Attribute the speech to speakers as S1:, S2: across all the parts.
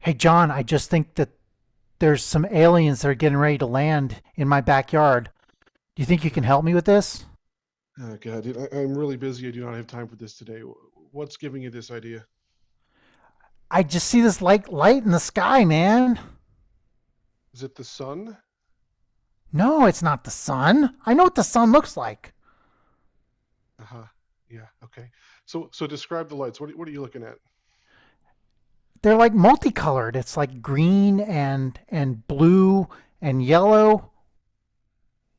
S1: Hey, John, I just think that there's some aliens that are getting ready to land in my backyard. Do you think you
S2: Uh,
S1: can help me with this?
S2: Oh God, dude, I'm really busy. I do not have time for this today. What's giving you this idea?
S1: I just see this like light in the sky, man.
S2: Is it the sun?
S1: No, it's not the sun. I know what the sun looks like.
S2: Uh-huh. Yeah. Okay. So describe the lights. What are you looking at?
S1: They're like multicolored. It's like green and blue and yellow.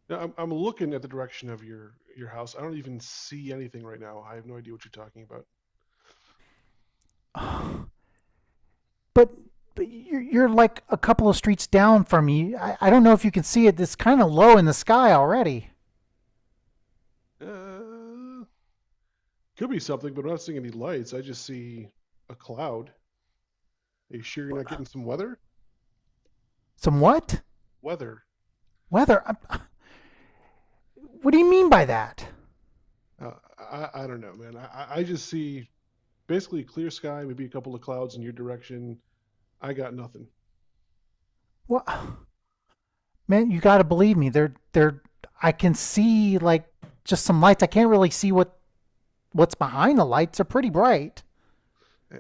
S2: Now, I'm looking at the direction of your house. I don't even see anything right now. I have no idea what you're talking about.
S1: But, but you're like a couple of streets down from me. I don't know if you can see it. It's kind of low in the sky already.
S2: Uh, could be something, but I'm not seeing any lights. I just see a cloud. Are you sure you're not getting some weather?
S1: Some what?
S2: Weather?
S1: Weather? What do you mean by that?
S2: Uh, I, I don't know, man. I just see basically clear sky, maybe a couple of clouds in your direction. I got nothing.
S1: What? Man, you got to believe me. They're I can see like just some lights. I can't really see what's behind the lights. They're pretty bright.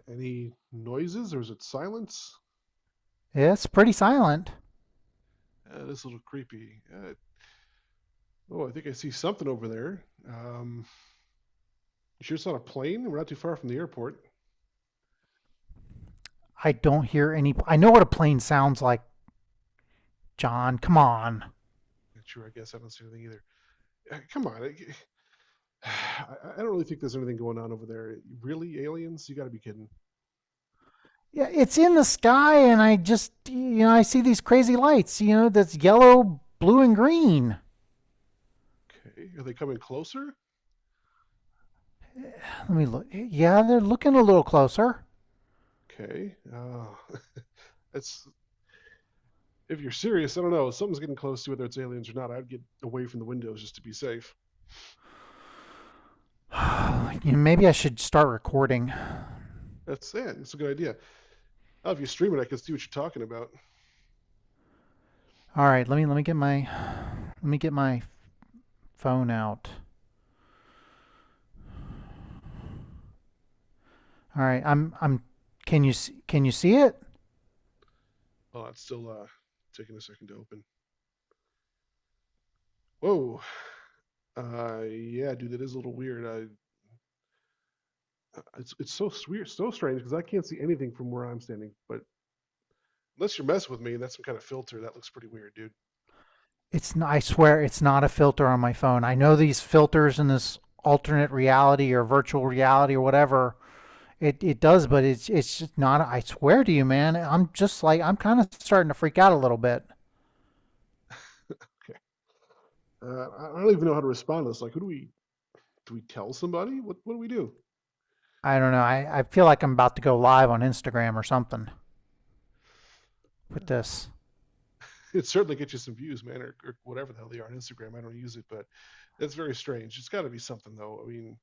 S2: Any noises or is it silence?
S1: Yeah, it's pretty silent.
S2: This is a little creepy. Oh, I think I see something over there. You sure it's not a plane? We're not too far from the airport.
S1: I don't hear any I know what a plane sounds like, John. Come on.
S2: Not sure, I guess I don't see anything either. Come on, I don't really think there's anything going on over there. Really, aliens? You got to be kidding.
S1: Yeah, it's in the sky and I just I see these crazy lights, that's yellow, blue and green.
S2: Okay, are they coming closer?
S1: Let me look. Yeah, they're looking a little closer.
S2: Okay, that's if you're serious. I don't know. Something's getting close to whether it's aliens or not. I'd get away from the windows just to be safe.
S1: You know, maybe I should start recording.
S2: That's it. It's a good idea. Oh, if you stream it, I can see what you're talking about.
S1: All right, let me get my let me get my phone out. All right, I'm can you s- can you see it?
S2: Oh, it's still taking a second to open. Whoa. Yeah, dude, that is a little weird. It's so weird, so strange because I can't see anything from where I'm standing. But unless you're messing with me, and that's some kind of filter. That looks pretty weird, dude.
S1: It's not, I swear it's not a filter on my phone. I know these filters in this alternate reality or virtual reality or whatever it does, but it's just not. I swear to you, man. I'm just like I'm kind of starting to freak out a little bit.
S2: Okay. I don't even know how to respond to this. Like, who do we tell somebody? What do we do?
S1: I don't know. I feel like I'm about to go live on Instagram or something with this.
S2: It certainly gets you some views, man, or whatever the hell they are on Instagram. I don't use it, but that's very strange. It's got to be something though. I mean,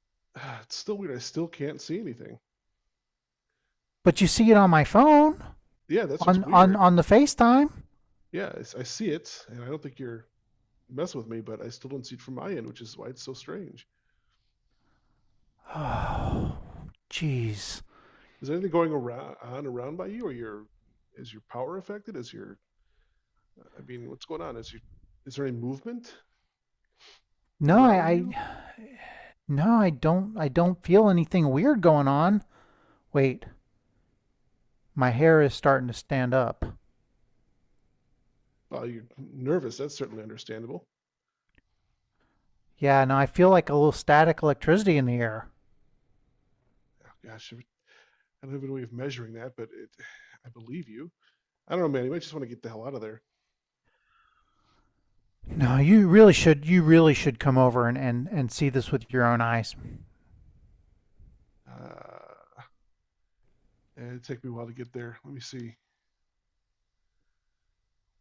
S2: it's still weird. I still can't see anything.
S1: But you see it on my phone
S2: Yeah, that's
S1: on
S2: what's
S1: on
S2: weird.
S1: on the FaceTime.
S2: Yeah, I see it, and I don't think you're mess with me, but I still don't see it from my end, which is why it's so strange.
S1: Oh, jeez.
S2: Is there anything going around by you, or your is your power affected? Is your I mean, what's going on? Is there any movement
S1: No, I,
S2: around you?
S1: I No, I don't feel anything weird going on. Wait, my hair is starting to stand up.
S2: Well, you're nervous. That's certainly understandable.
S1: Yeah, no, I feel like a little static electricity in the air.
S2: Oh, gosh, I don't have any way of measuring that, but I believe you. I don't know, man. You might just want to get the hell out of there.
S1: No, you really should come over and see this with your own eyes.
S2: Uh, it'd take me a while to get there. Let me see.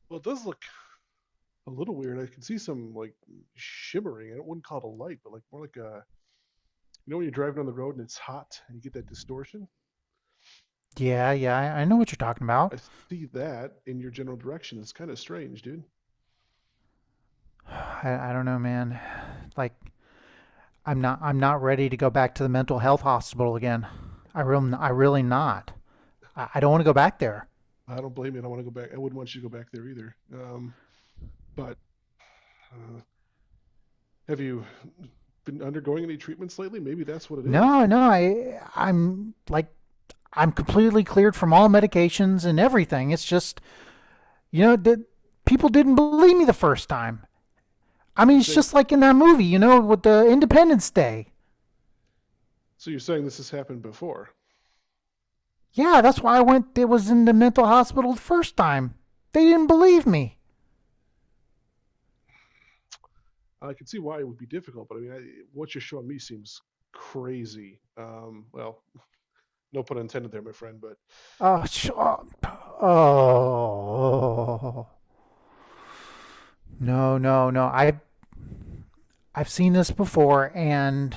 S2: Well, it does look a little weird. I can see some like shimmering. I wouldn't call it a light, but like more like a... You know when you're driving on the road and it's hot and you get that distortion?
S1: Yeah, yeah, I know what you're talking
S2: I
S1: about.
S2: see that in your general direction. It's kind of strange, dude.
S1: I don't know, man. Like I'm not ready to go back to the mental health hospital again. I really not. I don't want to go back there.
S2: I don't blame you. I don't want to go back. I wouldn't want you to go back there either. But uh, have you been undergoing any treatments lately? Maybe that's what it is.
S1: No, no, I'm like I'm completely cleared from all medications and everything. It's just, you know, people didn't believe me the first time. I
S2: So you're
S1: mean, it's
S2: saying
S1: just like in that movie, you know, with the Independence Day.
S2: so you're saying this has happened before.
S1: Yeah, that's why I went. It was in the mental hospital the first time. They didn't believe me.
S2: I can see why it would be difficult, but I mean, what you're showing me seems crazy. Well, no pun intended there, my friend. But
S1: Oh, oh, oh. No, no, no. I've seen this before, and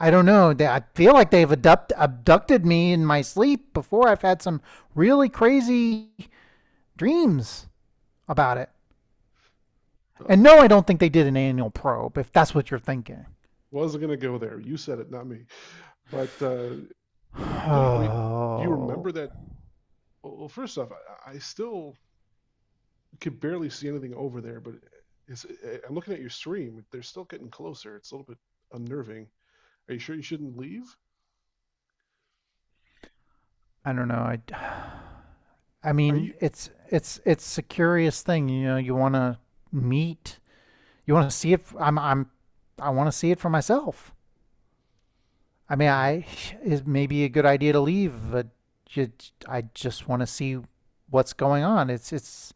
S1: I don't know. They, I feel like they've abducted me in my sleep before. I've had some really crazy dreams. About it.
S2: uh,
S1: And no, I don't think they did an annual probe, if that's what you're thinking.
S2: wasn't gonna go there. You said it, not me. But so I mean, do you remember
S1: Oh,
S2: that... Well, first off, I still could barely see anything over there, but I am looking at your stream. They're still getting closer. It's a little bit unnerving. Are you sure you shouldn't leave?
S1: I don't know. I
S2: Are you?
S1: mean, it's a curious thing. You know, meet, you want to see it. I'm I want to see it for myself. I mean,
S2: Mm.
S1: I it may be a good idea to leave, but you, I just want to see what's going on. It's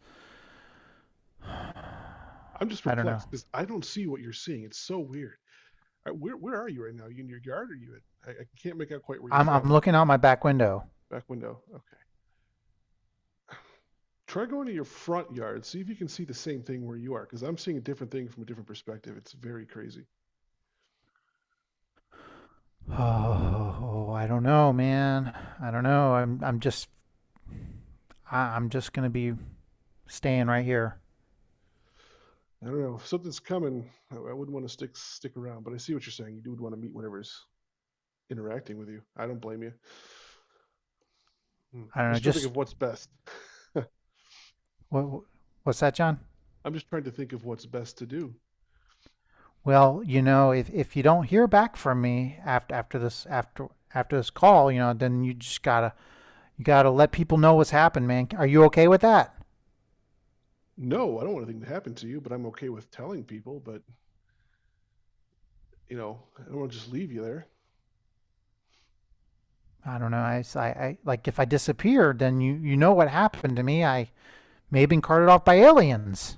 S2: I'm just
S1: I don't know.
S2: perplexed because I don't see what you're seeing. It's so weird. Where are you right now? Are you in your yard or are you at? I can't make out quite where you're
S1: I'm
S2: from.
S1: looking out my back window.
S2: Back window. Okay. Try going to your front yard. See if you can see the same thing where you are, because I'm seeing a different thing from a different perspective. It's very crazy.
S1: Oh, I don't know, man. I don't know. I'm just I'm just going to be staying right here.
S2: I don't know. If something's coming, I wouldn't want to stick around. But I see what you're saying. You do want to meet whatever's interacting with you. I don't blame you. Hmm.
S1: I
S2: I'm
S1: don't know.
S2: just trying to think of
S1: Just
S2: what's best.
S1: what, what's that, John?
S2: I'm just trying to think of what's best to do.
S1: Well, you know, if you don't hear back from me after this after this call, you know, then you just gotta let people know what's happened, man. Are you okay with that?
S2: No, I don't want anything to happen to you, but I'm okay with telling people. But you know, I don't want to just leave you there.
S1: I don't know. I like if I disappeared, then you know what happened to me. I may have been carted off by aliens.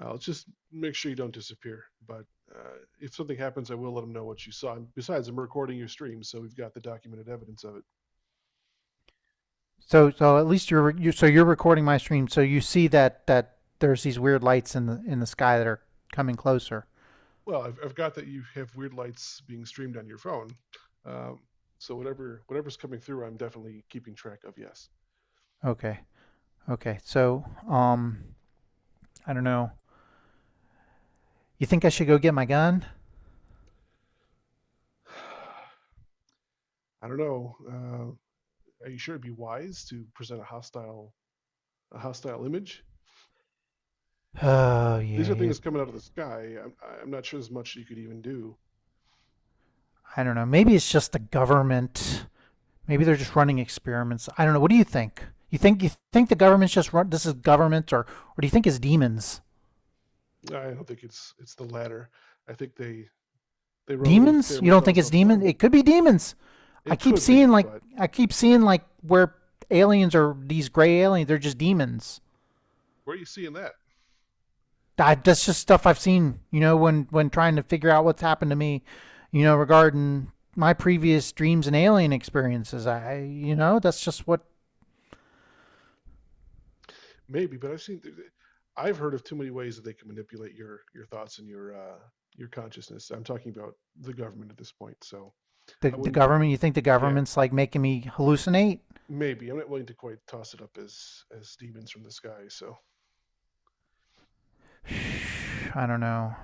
S2: I'll just make sure you don't disappear. But if something happens, I will let them know what you saw. And besides, I'm recording your stream, so we've got the documented evidence of it.
S1: So at least you're you so you're recording my stream, so you see that that there's these weird lights in the sky that are coming closer.
S2: Well, I've got that you have weird lights being streamed on your phone. Um, so whatever's coming through, I'm definitely keeping track of. Yes.
S1: Okay. Okay, so um, I don't know. You think I should go get my gun?
S2: I don't know. Are you sure it'd be wise to present a hostile image?
S1: Oh
S2: These are
S1: yeah, you,
S2: things coming out of the sky. I'm not sure there's much you could even do.
S1: I don't know. Maybe it's just the government. Maybe they're just running experiments. I don't know. What do you think? You think the government's just run? This is government, or do you think it's demons?
S2: I don't think it's the latter. I think they run little
S1: Demons? You
S2: experiments
S1: don't
S2: on
S1: think
S2: us all
S1: it's
S2: the
S1: demon?
S2: time.
S1: It could be demons. I
S2: It
S1: keep
S2: could
S1: seeing
S2: be,
S1: like
S2: but
S1: I keep seeing like where aliens are these gray aliens. They're just demons.
S2: where are you seeing that?
S1: I, that's just stuff I've seen, you know, when trying to figure out what's happened to me, you know, regarding my previous dreams and alien experiences. I, you know, that's just what
S2: Maybe, but I've seen, I've heard of too many ways that they can manipulate your thoughts and your consciousness. I'm talking about the government at this point, so I
S1: the
S2: wouldn't.
S1: government. You think the
S2: Yeah,
S1: government's like making me hallucinate?
S2: maybe I'm not willing to quite toss it up as demons from the sky. So
S1: I don't know.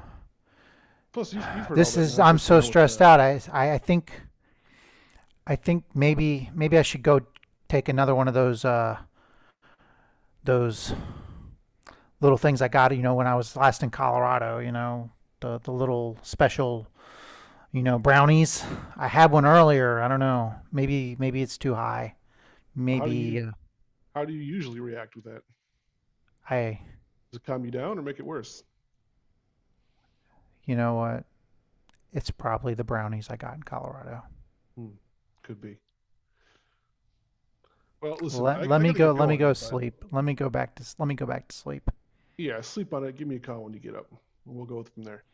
S2: plus, you've heard all
S1: This
S2: that
S1: is I'm
S2: nonsense going
S1: so
S2: on with
S1: stressed out. I think I think maybe I should go take another one of those little things I got, you know, when I was last in Colorado, you know, the little special you know, brownies. I had one earlier. I don't know. Maybe it's too high.
S2: how do
S1: Maybe
S2: you how do you usually react with that?
S1: I,
S2: Does it calm you down or make it worse?
S1: you know what? It's probably the brownies I got in Colorado.
S2: Hmm, could be. Well, listen,
S1: Let let
S2: I
S1: me
S2: gotta
S1: go.
S2: get
S1: Let me go
S2: going, but
S1: sleep. Let me go back to let me go back to sleep.
S2: yeah, sleep on it. Give me a call when you get up. We'll go from there.